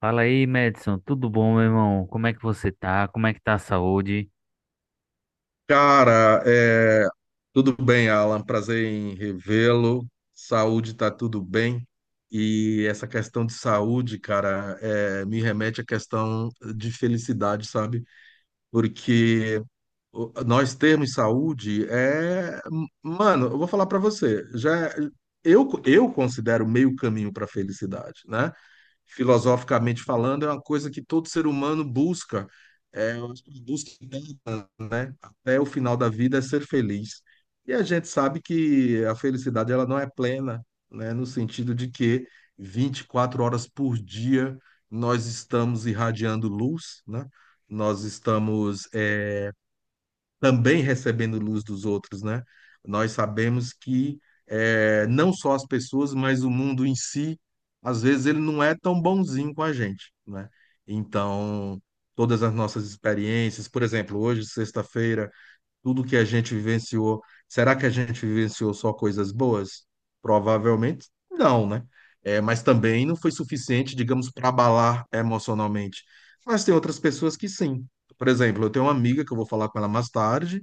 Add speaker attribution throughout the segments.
Speaker 1: Fala aí, Madison, tudo bom, meu irmão? Como é que você tá? Como é que tá a saúde?
Speaker 2: Cara, tudo bem, Alan. Prazer em revê-lo. Saúde tá tudo bem. E essa questão de saúde, cara, me remete à questão de felicidade, sabe? Porque nós termos saúde mano, eu vou falar pra você, já eu considero meio caminho para felicidade, né? Filosoficamente falando, é uma coisa que todo ser humano busca, eu acho que busca, né? Até o final da vida é ser feliz. E a gente sabe que a felicidade ela não é plena, né? No sentido de que 24 horas por dia nós estamos irradiando luz, né? Nós estamos também recebendo luz dos outros, né? Nós sabemos que não só as pessoas, mas o mundo em si, às vezes ele não é tão bonzinho com a gente, né? Então, todas as nossas experiências, por exemplo, hoje, sexta-feira. Tudo que a gente vivenciou, será que a gente vivenciou só coisas boas? Provavelmente não, né? É, mas também não foi suficiente, digamos, para abalar emocionalmente. Mas tem outras pessoas que sim. Por exemplo, eu tenho uma amiga que eu vou falar com ela mais tarde,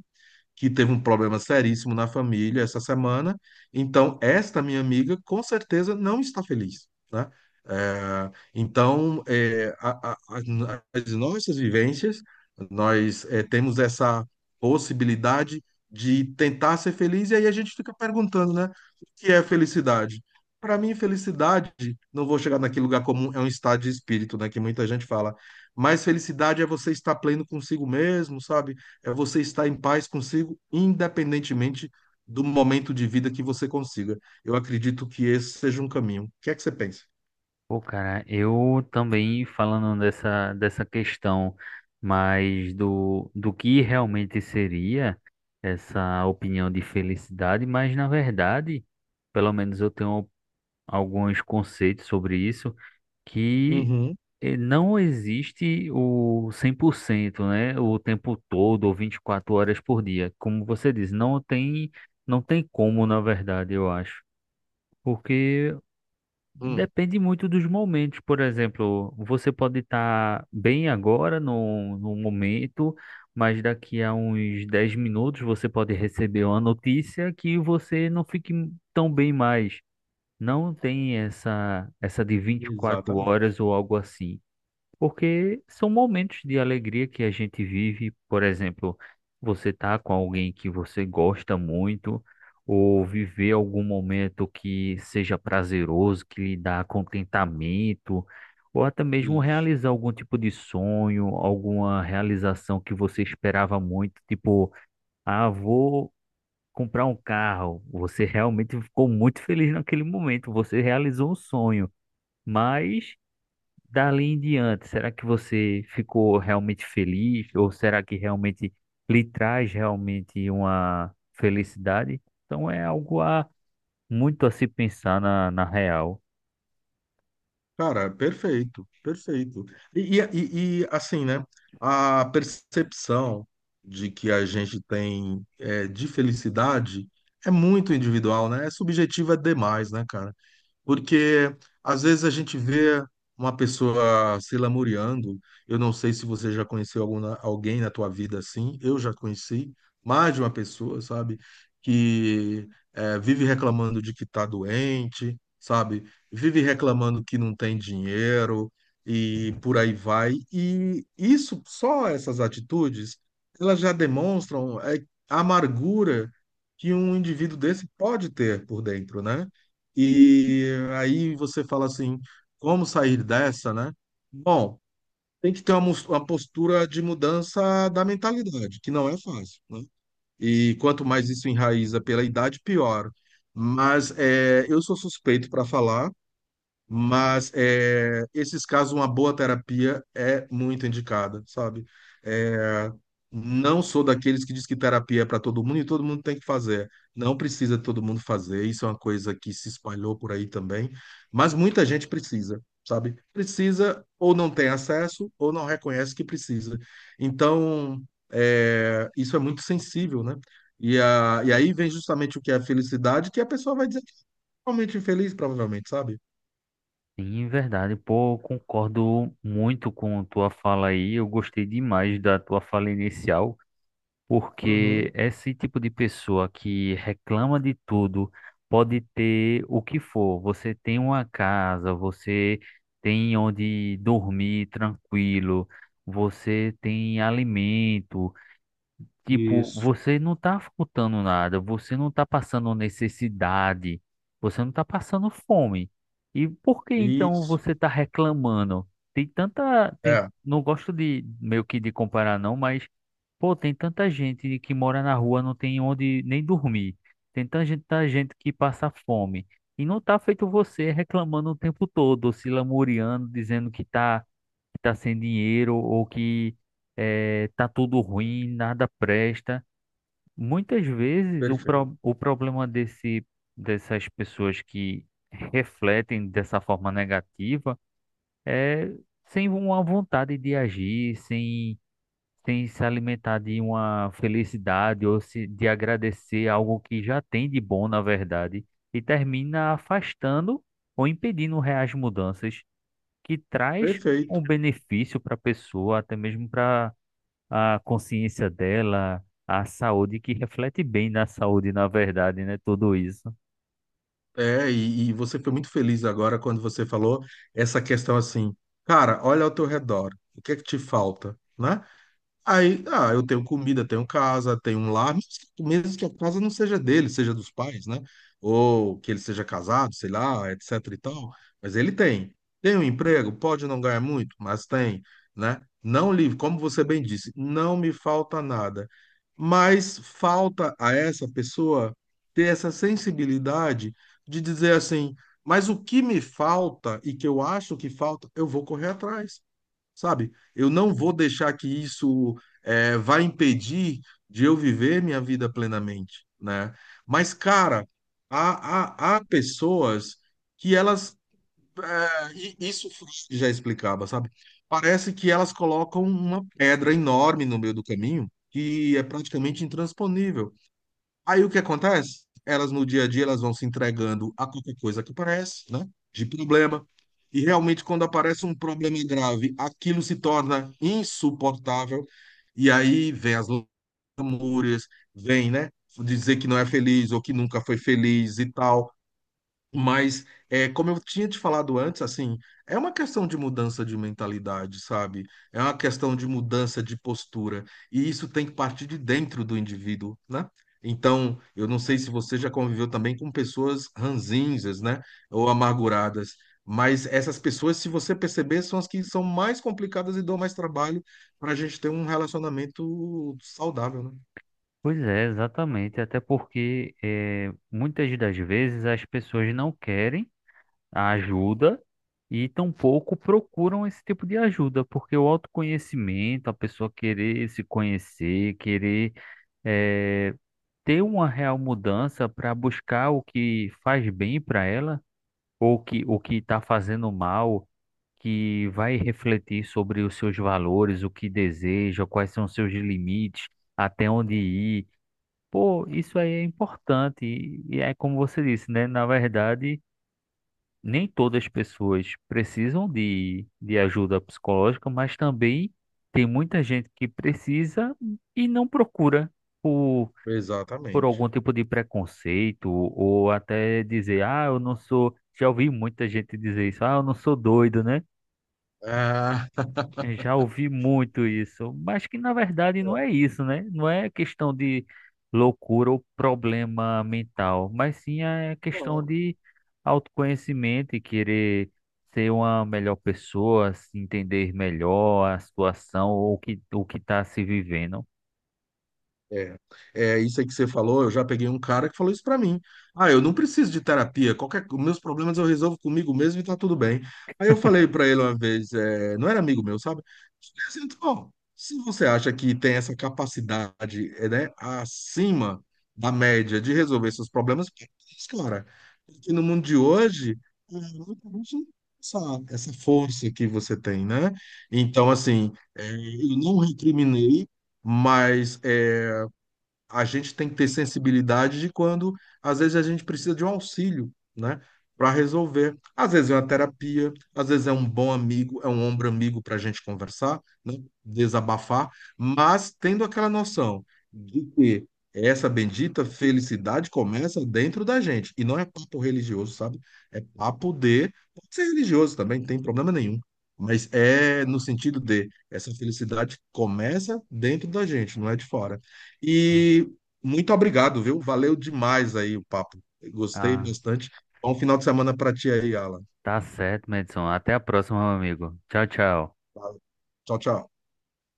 Speaker 2: que teve um problema seríssimo na família essa semana. Então, esta minha amiga, com certeza, não está feliz, né? É, então, as nossas vivências, nós temos essa possibilidade de tentar ser feliz, e aí a gente fica perguntando, né? O que é felicidade? Para mim, felicidade, não vou chegar naquele lugar comum, é um estado de espírito, né? Que muita gente fala. Mas felicidade é você estar pleno consigo mesmo, sabe? É você estar em paz consigo, independentemente do momento de vida que você consiga. Eu acredito que esse seja um caminho. O que é que você pensa?
Speaker 1: Pô, cara, eu também falando dessa questão, mas do que realmente seria essa opinião de felicidade, mas na verdade, pelo menos eu tenho alguns conceitos sobre isso. Que
Speaker 2: Uhum.
Speaker 1: não existe o 100%, né? O tempo todo, ou 24 horas por dia. Como você diz, não tem como, na verdade, eu acho. Porque
Speaker 2: Hum,
Speaker 1: depende muito dos momentos. Por exemplo, você pode estar bem agora, no momento, mas daqui a uns 10 minutos você pode receber uma notícia que você não fique tão bem mais. Não tem essa de vinte e quatro
Speaker 2: exatamente.
Speaker 1: horas ou algo assim. Porque são momentos de alegria que a gente vive, por exemplo, você tá com alguém que você gosta muito, ou viver algum momento que seja prazeroso, que lhe dá contentamento, ou até mesmo
Speaker 2: Isso.
Speaker 1: realizar algum tipo de sonho, alguma realização que você esperava muito, tipo, ah, vou comprar um carro. Você realmente ficou muito feliz naquele momento, você realizou um sonho, mas dali em diante, será que você ficou realmente feliz? Ou será que realmente lhe traz realmente uma felicidade? Então é algo a muito a se pensar na real.
Speaker 2: Cara, perfeito, perfeito. E, assim, né? A percepção de que a gente tem de felicidade é muito individual, né? É subjetiva demais, né, cara? Porque às vezes a gente vê uma pessoa se lamuriando. Eu não sei se você já conheceu alguma, alguém na tua vida assim. Eu já conheci mais de uma pessoa, sabe? Que vive reclamando de que está doente, sabe? Vive reclamando que não tem dinheiro e por aí vai. E isso, só essas atitudes, elas já demonstram a amargura que um indivíduo desse pode ter por dentro, né? E aí você fala assim, como sair dessa, né? Bom, tem que ter uma postura de mudança da mentalidade, que não é fácil, né? E quanto mais isso enraiza pela idade, pior. Mas eu sou suspeito para falar, mas esses casos, uma boa terapia é muito indicada, sabe? É, não sou daqueles que diz que terapia é para todo mundo e todo mundo tem que fazer. Não precisa todo mundo fazer, isso é uma coisa que se espalhou por aí também. Mas muita gente precisa, sabe? Precisa ou não tem acesso ou não reconhece que precisa. Então, isso é muito sensível, né? E aí vem justamente o que é a felicidade, que a pessoa vai dizer que é realmente infeliz, provavelmente, sabe?
Speaker 1: E, em verdade, pô, eu concordo muito com tua fala aí. Eu gostei demais da tua fala inicial
Speaker 2: Uhum.
Speaker 1: porque esse tipo de pessoa que reclama de tudo pode ter o que for. Você tem uma casa, você tem onde dormir tranquilo, você tem alimento. Tipo,
Speaker 2: Isso,
Speaker 1: você não tá faltando nada, você não tá passando necessidade, você não tá passando fome. E por que então
Speaker 2: isso.
Speaker 1: você tá reclamando?
Speaker 2: É,
Speaker 1: Não gosto de meio que de comparar não, mas pô, tem tanta gente que mora na rua, não tem onde nem dormir. Tanta gente que passa fome. E não tá feito você reclamando o tempo todo, se lamuriando, dizendo que tá sem dinheiro ou que tá tudo ruim, nada presta. Muitas vezes
Speaker 2: perfeito.
Speaker 1: o problema dessas pessoas que refletem dessa forma negativa é sem uma vontade de agir, sem se alimentar de uma felicidade ou se, de agradecer algo que já tem de bom, na verdade, e termina afastando ou impedindo reais mudanças que traz
Speaker 2: Perfeito.
Speaker 1: um benefício para a pessoa, até mesmo para a consciência dela, a saúde, que reflete bem na saúde, na verdade, né? Tudo isso.
Speaker 2: É, e você foi muito feliz agora quando você falou essa questão assim, cara, olha ao teu redor, o que é que te falta, né? Aí, ah, eu tenho comida, tenho casa, tenho um lar, mesmo que a casa não seja dele, seja dos pais, né? Ou que ele seja casado, sei lá, etc e tal. Mas ele tem. Tem um emprego, pode não ganhar muito, mas tem, né? Não livre, como você bem disse, não me falta nada. Mas falta a essa pessoa ter essa sensibilidade de dizer assim, mas o que me falta e que eu acho que falta, eu vou correr atrás, sabe? Eu não vou deixar que isso vá impedir de eu viver minha vida plenamente, né? Mas, cara, há pessoas que elas. eh, e isso Freud já explicava, sabe? Parece que elas colocam uma pedra enorme no meio do caminho que é praticamente intransponível. Aí o que acontece? Elas no dia a dia elas vão se entregando a qualquer coisa que aparece, né? De problema. E realmente quando aparece um problema grave, aquilo se torna insuportável. E aí vem as lamúrias, vem, né? Dizer que não é feliz ou que nunca foi feliz e tal. Mas, como eu tinha te falado antes, assim, é uma questão de mudança de mentalidade, sabe? É uma questão de mudança de postura. E isso tem que partir de dentro do indivíduo, né? Então, eu não sei se você já conviveu também com pessoas ranzinhas, né? Ou amarguradas. Mas essas pessoas, se você perceber, são as que são mais complicadas e dão mais trabalho para a gente ter um relacionamento saudável, né?
Speaker 1: Pois é, exatamente. Até porque muitas das vezes as pessoas não querem a ajuda e tampouco procuram esse tipo de ajuda, porque o autoconhecimento, a pessoa querer se conhecer, querer eh, ter uma real mudança para buscar o que faz bem para ela. Ou que o que está fazendo mal, que vai refletir sobre os seus valores, o que deseja, quais são os seus limites, até onde ir. Pô, isso aí é importante. E é como você disse, né? Na verdade, nem todas as pessoas precisam de ajuda psicológica, mas também tem muita gente que precisa e não procura por
Speaker 2: Exatamente.
Speaker 1: algum tipo de preconceito, ou até dizer, ah, eu não sou. Já ouvi muita gente dizer isso, ah, eu não sou doido, né?
Speaker 2: Ah,
Speaker 1: Eu já ouvi muito isso, mas que na verdade não é isso, né? Não é questão de loucura ou problema mental, mas sim é questão de autoconhecimento e querer ser uma melhor pessoa, se entender melhor a situação ou o que está se vivendo.
Speaker 2: É, é, isso aí que você falou. Eu já peguei um cara que falou isso pra mim. Ah, eu não preciso de terapia. Qualquer, os meus problemas eu resolvo comigo mesmo e tá tudo bem. Aí eu falei pra ele uma vez, não era amigo meu, sabe? Eu falei assim, Então, se você acha que tem essa capacidade, né, acima da média de resolver seus problemas, por que isso, cara, porque no mundo de hoje, muita gente não tem essa, essa força que você tem, né? Então, assim, eu não recriminei, mas a gente tem que ter sensibilidade de quando, às vezes, a gente precisa de um auxílio, né? Para resolver. Às vezes é uma terapia, às vezes é um bom amigo, é um ombro amigo para a gente conversar, né? Desabafar, mas tendo aquela noção de que essa bendita felicidade começa dentro da gente. E não é papo religioso, sabe? É papo de. Pode ser religioso também, não tem problema nenhum. Mas é no sentido de essa felicidade começa dentro da gente, não é de fora. E muito obrigado, viu? Valeu demais aí o papo. Gostei
Speaker 1: Ah,
Speaker 2: bastante. Bom final de semana para ti aí, Alan.
Speaker 1: tá certo, Madison. Até a próxima, meu amigo. Tchau, tchau.
Speaker 2: Tchau, tchau.